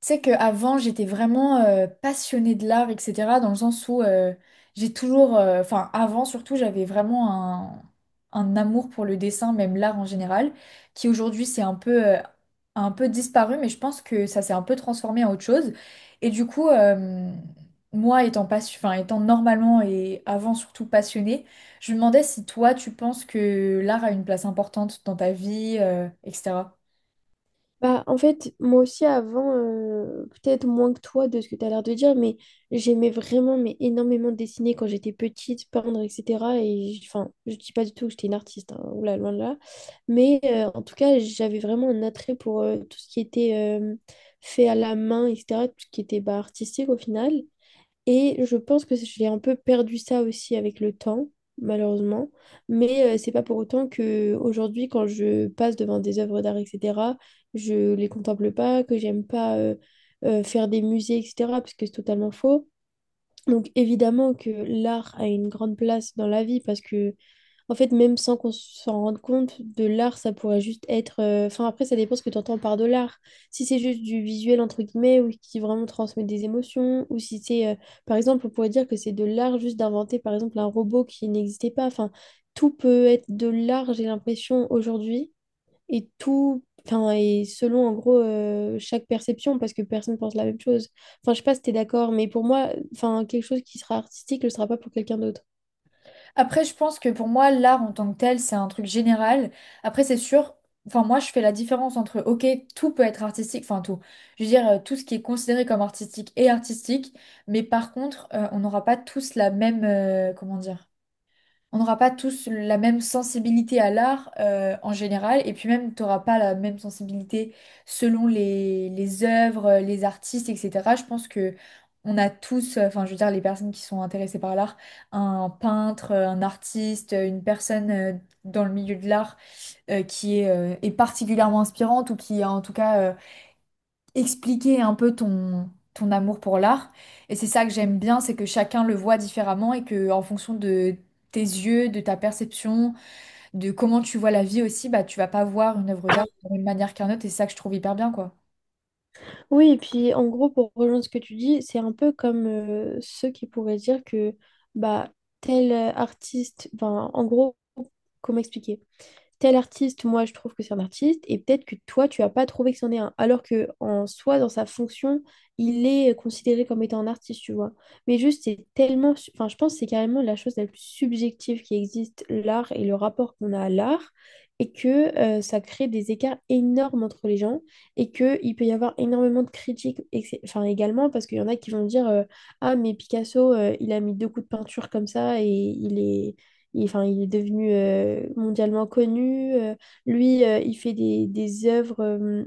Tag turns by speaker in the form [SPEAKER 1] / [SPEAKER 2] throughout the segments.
[SPEAKER 1] Tu sais qu'avant, j'étais vraiment passionnée de l'art, etc. Dans le sens où j'ai toujours, enfin avant surtout, j'avais vraiment un amour pour le dessin, même l'art en général, qui aujourd'hui c'est un peu disparu, mais je pense que ça s'est un peu transformé en autre chose. Et du coup, moi étant, enfin, étant normalement et avant surtout passionnée, je me demandais si toi tu penses que l'art a une place importante dans ta vie, etc.
[SPEAKER 2] Bah, en fait, moi aussi avant, peut-être moins que toi de ce que tu as l'air de dire, mais j'aimais vraiment, mais énormément dessiner quand j'étais petite, peindre, etc. Enfin, je dis pas du tout que j'étais une artiste, hein, oula, loin de là. Mais en tout cas, j'avais vraiment un attrait pour tout ce qui était fait à la main, etc. Tout ce qui était bah, artistique au final. Et je pense que j'ai un peu perdu ça aussi avec le temps, malheureusement. Mais c'est pas pour autant que aujourd'hui, quand je passe devant des œuvres d'art, etc., je les contemple pas, que j'aime pas faire des musées, etc., parce que c'est totalement faux. Donc évidemment que l'art a une grande place dans la vie parce que en fait, même sans qu'on s'en rende compte, de l'art, ça pourrait juste être. Enfin, après, ça dépend ce que tu entends par de l'art. Si c'est juste du visuel, entre guillemets, ou qui vraiment transmet des émotions, ou si c'est. Par exemple, on pourrait dire que c'est de l'art juste d'inventer, par exemple, un robot qui n'existait pas. Enfin, tout peut être de l'art, j'ai l'impression, aujourd'hui. Et tout... Enfin, et selon, en gros, chaque perception, parce que personne pense la même chose. Enfin, je sais pas si t'es d'accord, mais pour moi, enfin, quelque chose qui sera artistique ne le sera pas pour quelqu'un d'autre.
[SPEAKER 1] Après, je pense que pour moi, l'art en tant que tel, c'est un truc général. Après, c'est sûr, enfin, moi, je fais la différence entre, ok, tout peut être artistique, enfin, tout. Je veux dire, tout ce qui est considéré comme artistique est artistique, mais par contre, on n'aura pas tous la même, comment dire? On n'aura pas tous la même sensibilité à l'art en général, et puis même, tu n'auras pas la même sensibilité selon les œuvres, les artistes, etc. Je pense que on a tous, enfin, je veux dire, les personnes qui sont intéressées par l'art, un peintre, un artiste, une personne dans le milieu de l'art qui est, est particulièrement inspirante ou qui, en tout cas, expliquer un peu ton amour pour l'art. Et c'est ça que j'aime bien, c'est que chacun le voit différemment et que en fonction de tes yeux, de ta perception, de comment tu vois la vie aussi, bah tu vas pas voir une œuvre d'art de la même manière qu'un autre et c'est ça que je trouve hyper bien quoi.
[SPEAKER 2] Oui, et puis en gros, pour rejoindre ce que tu dis, c'est un peu comme ceux qui pourraient dire que bah tel artiste, enfin en gros, comment expliquer? Tel artiste, moi je trouve que c'est un artiste, et peut-être que toi tu as pas trouvé que c'en est un, alors que en soi, dans sa fonction, il est considéré comme étant un artiste, tu vois. Mais juste, c'est tellement, enfin je pense que c'est carrément la chose la plus subjective qui existe, l'art et le rapport qu'on a à l'art, et que ça crée des écarts énormes entre les gens, et qu'il peut y avoir énormément de critiques, et que enfin également, parce qu'il y en a qui vont dire, ah mais Picasso, il a mis deux coups de peinture comme ça, et il est devenu mondialement connu. Lui, il fait des œuvres,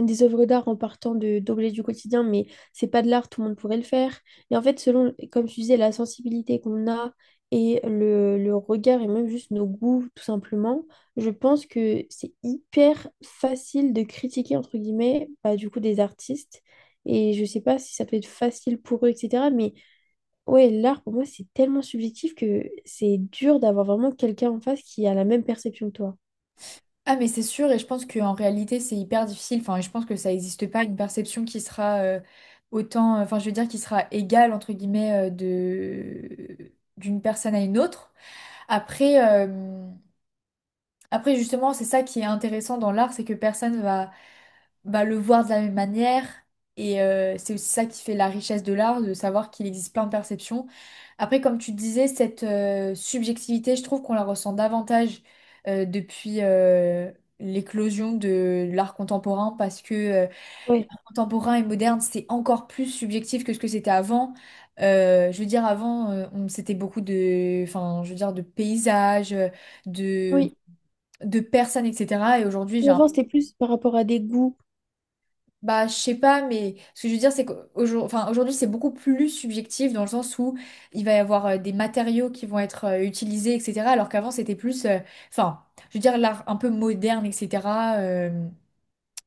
[SPEAKER 2] des œuvres d'art en partant de d'objets du quotidien, mais c'est pas de l'art, tout le monde pourrait le faire. Et en fait, selon, comme tu disais, la sensibilité qu'on a et le regard et même juste nos goûts, tout simplement, je pense que c'est hyper facile de critiquer, entre guillemets, bah, du coup, des artistes. Et je sais pas si ça peut être facile pour eux, etc. Ouais, l'art pour moi c'est tellement subjectif que c'est dur d'avoir vraiment quelqu'un en face qui a la même perception que toi.
[SPEAKER 1] Ah mais c'est sûr et je pense qu'en réalité c'est hyper difficile, enfin je pense que ça n'existe pas une perception qui sera autant, enfin je veux dire qui sera égale entre guillemets de d'une personne à une autre. Après, euh, Après, justement, c'est ça qui est intéressant dans l'art, c'est que personne va le voir de la même manière. Et c'est aussi ça qui fait la richesse de l'art, de savoir qu'il existe plein de perceptions. Après, comme tu disais, cette subjectivité, je trouve qu'on la ressent davantage depuis l'éclosion de l'art contemporain, parce que
[SPEAKER 2] Ouais,
[SPEAKER 1] l'art contemporain et moderne, c'est encore plus subjectif que ce que c'était avant. Je veux dire, avant, c'était beaucoup de, enfin, je veux dire, de paysages de
[SPEAKER 2] oui.
[SPEAKER 1] de personnes, etc. Et aujourd'hui, j'ai
[SPEAKER 2] Ou
[SPEAKER 1] un...
[SPEAKER 2] avant c'était plus par rapport à des goûts.
[SPEAKER 1] Bah, je sais pas, mais ce que je veux dire, c'est qu'aujourd'hui, enfin, aujourd'hui, c'est beaucoup plus subjectif dans le sens où il va y avoir des matériaux qui vont être utilisés, etc. Alors qu'avant, c'était plus... Enfin, je veux dire, l'art un peu moderne, etc. euh,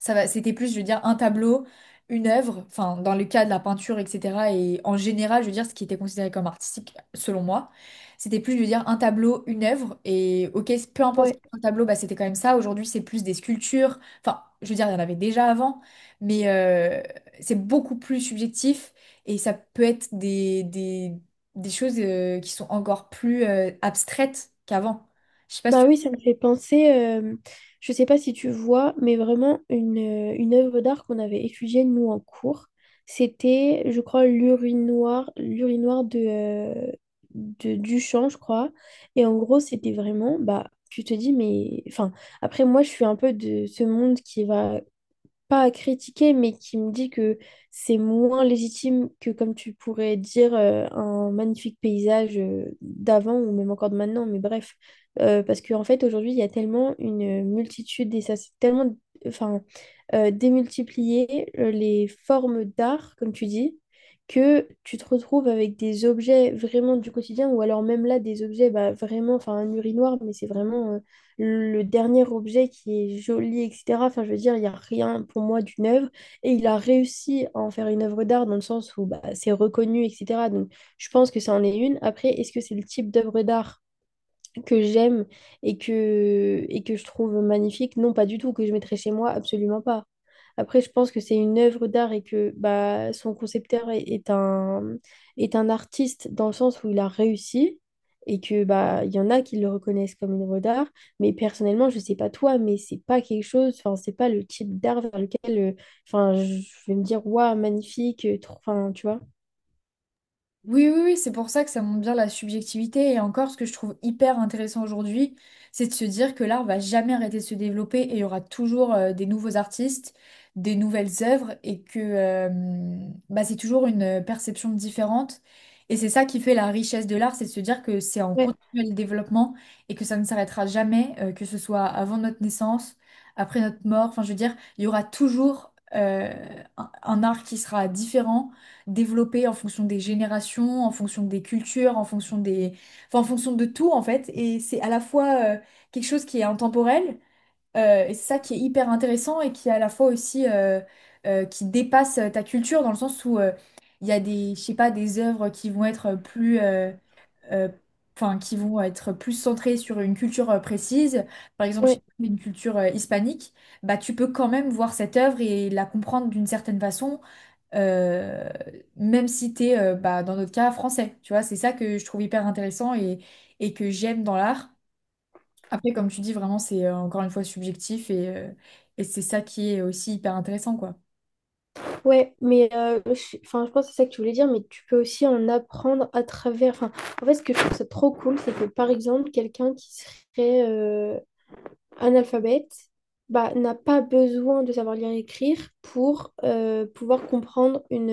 [SPEAKER 1] ça va, c'était plus, je veux dire, un tableau, une œuvre, enfin, dans le cas de la peinture, etc. Et en général, je veux dire, ce qui était considéré comme artistique, selon moi, c'était plus, je veux dire, un tableau, une œuvre. Et ok, peu importe
[SPEAKER 2] Ouais.
[SPEAKER 1] un tableau, bah, c'était quand même ça. Aujourd'hui, c'est plus des sculptures. Enfin, je veux dire, il y en avait déjà avant, mais c'est beaucoup plus subjectif et ça peut être des choses qui sont encore plus abstraites qu'avant. Je sais pas si
[SPEAKER 2] Bah oui, ça me fait penser, je sais pas si tu vois, mais vraiment une œuvre d'art qu'on avait étudiée nous en cours. C'était, je crois, l'urinoir, l'urinoir de Duchamp, je crois. Et en gros, c'était vraiment, bah, tu te dis, mais, enfin, après moi, je suis un peu de ce monde qui va pas à critiquer, mais qui me dit que c'est moins légitime que comme tu pourrais dire un magnifique paysage d'avant ou même encore de maintenant, mais bref. Parce qu'en fait, aujourd'hui, il y a tellement une multitude et ça c'est tellement enfin, démultiplié les formes d'art, comme tu dis, que tu te retrouves avec des objets vraiment du quotidien ou alors même là, des objets bah, vraiment, enfin un urinoir, mais c'est vraiment le dernier objet qui est joli, etc. Enfin, je veux dire, il n'y a rien pour moi d'une œuvre. Et il a réussi à en faire une œuvre d'art dans le sens où bah, c'est reconnu, etc. Donc, je pense que ça en est une. Après, est-ce que c'est le type d'œuvre d'art que j'aime et que je trouve magnifique, non, pas du tout, que je mettrais chez moi, absolument pas. Après, je pense que c'est une œuvre d'art et que bah, son concepteur est un artiste dans le sens où il a réussi et que bah, il y en a qui le reconnaissent comme une œuvre d'art. Mais personnellement, je sais pas toi, mais c'est pas quelque chose, enfin, c'est pas le type d'art vers lequel enfin, je vais me dire, waouh, magnifique, enfin, tu vois.
[SPEAKER 1] Oui, oui, oui, c'est pour ça que ça montre bien la subjectivité. Et encore, ce que je trouve hyper intéressant aujourd'hui, c'est de se dire que l'art va jamais arrêter de se développer et il y aura toujours des nouveaux artistes, des nouvelles œuvres et que bah, c'est toujours une perception différente. Et c'est ça qui fait la richesse de l'art, c'est de se dire que c'est en
[SPEAKER 2] Ouais,
[SPEAKER 1] continuel développement et que ça ne s'arrêtera jamais, que ce soit avant notre naissance, après notre mort. Enfin, je veux dire, il y aura toujours un art qui sera différent développé en fonction des générations, en fonction des cultures, en fonction des... enfin, en fonction de tout en fait. Et c'est à la fois quelque chose qui est intemporel, et c'est ça qui est hyper intéressant et qui est à la fois aussi qui dépasse ta culture dans le sens où il y a des, je sais pas, des œuvres qui vont être plus... euh, Enfin, qui vont être plus centrées sur une culture précise, par exemple, si
[SPEAKER 2] ouais.
[SPEAKER 1] tu pas, une culture hispanique, bah, tu peux quand même voir cette œuvre et la comprendre d'une certaine façon, euh, même si tu es, bah, dans notre cas, français. Tu vois, c'est ça que je trouve hyper intéressant et que j'aime dans l'art. Après, comme tu dis, vraiment, c'est encore une fois subjectif et et c'est ça qui est aussi hyper intéressant, quoi.
[SPEAKER 2] Ouais, mais je, enfin, je pense que c'est ça que tu voulais dire, mais tu peux aussi en apprendre à travers. Enfin, en fait, ce que je trouve ça trop cool, c'est que par exemple, quelqu'un qui serait analphabète bah, n'a pas besoin de savoir lire et écrire pour pouvoir comprendre une,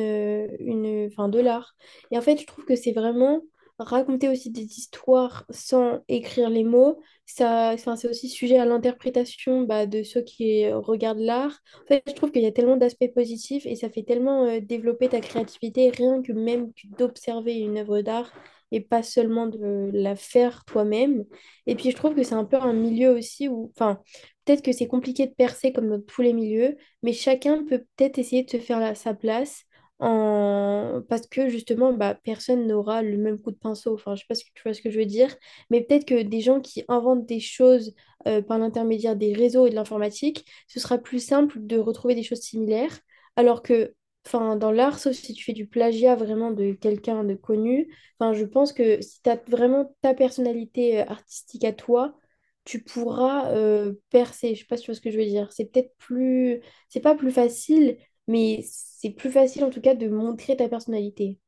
[SPEAKER 2] une, enfin, de l'art. Et en fait, je trouve que c'est vraiment raconter aussi des histoires sans écrire les mots. Ça, enfin, c'est aussi sujet à l'interprétation bah, de ceux qui regardent l'art. En fait, je trouve qu'il y a tellement d'aspects positifs et ça fait tellement développer ta créativité, rien que même que d'observer une œuvre d'art et pas seulement de la faire toi-même. Et puis je trouve que c'est un peu un milieu aussi où, enfin, peut-être que c'est compliqué de percer comme dans tous les milieux, mais chacun peut peut-être essayer de se faire sa place parce que justement, bah, personne n'aura le même coup de pinceau. Enfin, je sais pas si tu vois ce que je veux dire, mais peut-être que des gens qui inventent des choses par l'intermédiaire des réseaux et de l'informatique, ce sera plus simple de retrouver des choses similaires, alors que, enfin, dans l'art, sauf si tu fais du plagiat vraiment de quelqu'un de connu. Enfin, je pense que si tu as vraiment ta personnalité artistique à toi, tu pourras percer. Je sais pas si tu vois ce que je veux dire. C'est peut-être plus... C'est pas plus facile, mais c'est plus facile en tout cas de montrer ta personnalité.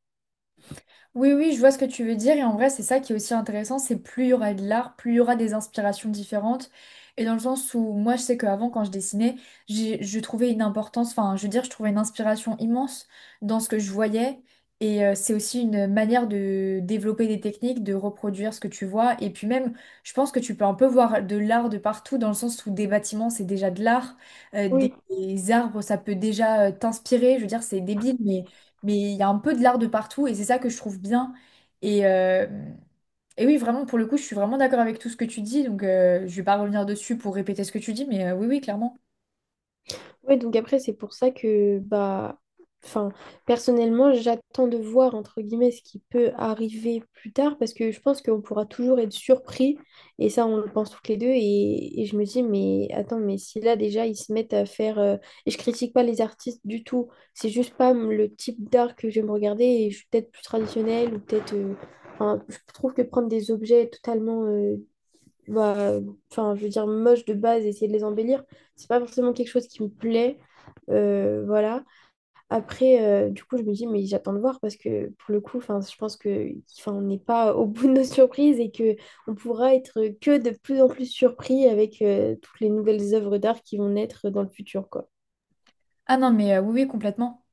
[SPEAKER 1] Oui, oui, je vois ce que tu veux dire. Et en vrai, c'est ça qui est aussi intéressant, c'est plus il y aura de l'art, plus il y aura des inspirations différentes. Et dans le sens où moi, je sais qu'avant, quand je dessinais, je trouvais une importance, enfin, je veux dire, je trouvais une inspiration immense dans ce que je voyais. Et c'est aussi une manière de développer des techniques, de reproduire ce que tu vois. Et puis même, je pense que tu peux un peu voir de l'art de partout, dans le sens où des bâtiments, c'est déjà de l'art. Des arbres, ça peut déjà t'inspirer. Je veux dire, c'est débile, mais il y a un peu de l'art de partout et c'est ça que je trouve bien. Et, euh, et oui, vraiment, pour le coup, je suis vraiment d'accord avec tout ce que tu dis, donc je vais pas revenir dessus pour répéter ce que tu dis, mais oui, oui, clairement.
[SPEAKER 2] Oui, donc après, c'est pour ça que, bah, enfin, personnellement, j'attends de voir, entre guillemets, ce qui peut arriver plus tard, parce que je pense qu'on pourra toujours être surpris, et ça, on le pense toutes les deux, et je me dis, mais attends, mais si là, déjà, ils se mettent à faire. Et je critique pas les artistes du tout, c'est juste pas le type d'art que j'aime regarder, et je suis peut-être plus traditionnelle, ou peut-être. Enfin, je trouve que prendre des objets totalement... euh, bah, enfin, je veux dire, moches de base, essayer de les embellir, c'est pas forcément quelque chose qui me plaît. Voilà. Après, du coup, je me dis, mais j'attends de voir parce que pour le coup, enfin, je pense que, enfin, on n'est pas au bout de nos surprises et que on pourra être que de plus en plus surpris avec toutes les nouvelles œuvres d'art qui vont naître dans le futur, quoi.
[SPEAKER 1] Ah non, mais oui, oui, complètement.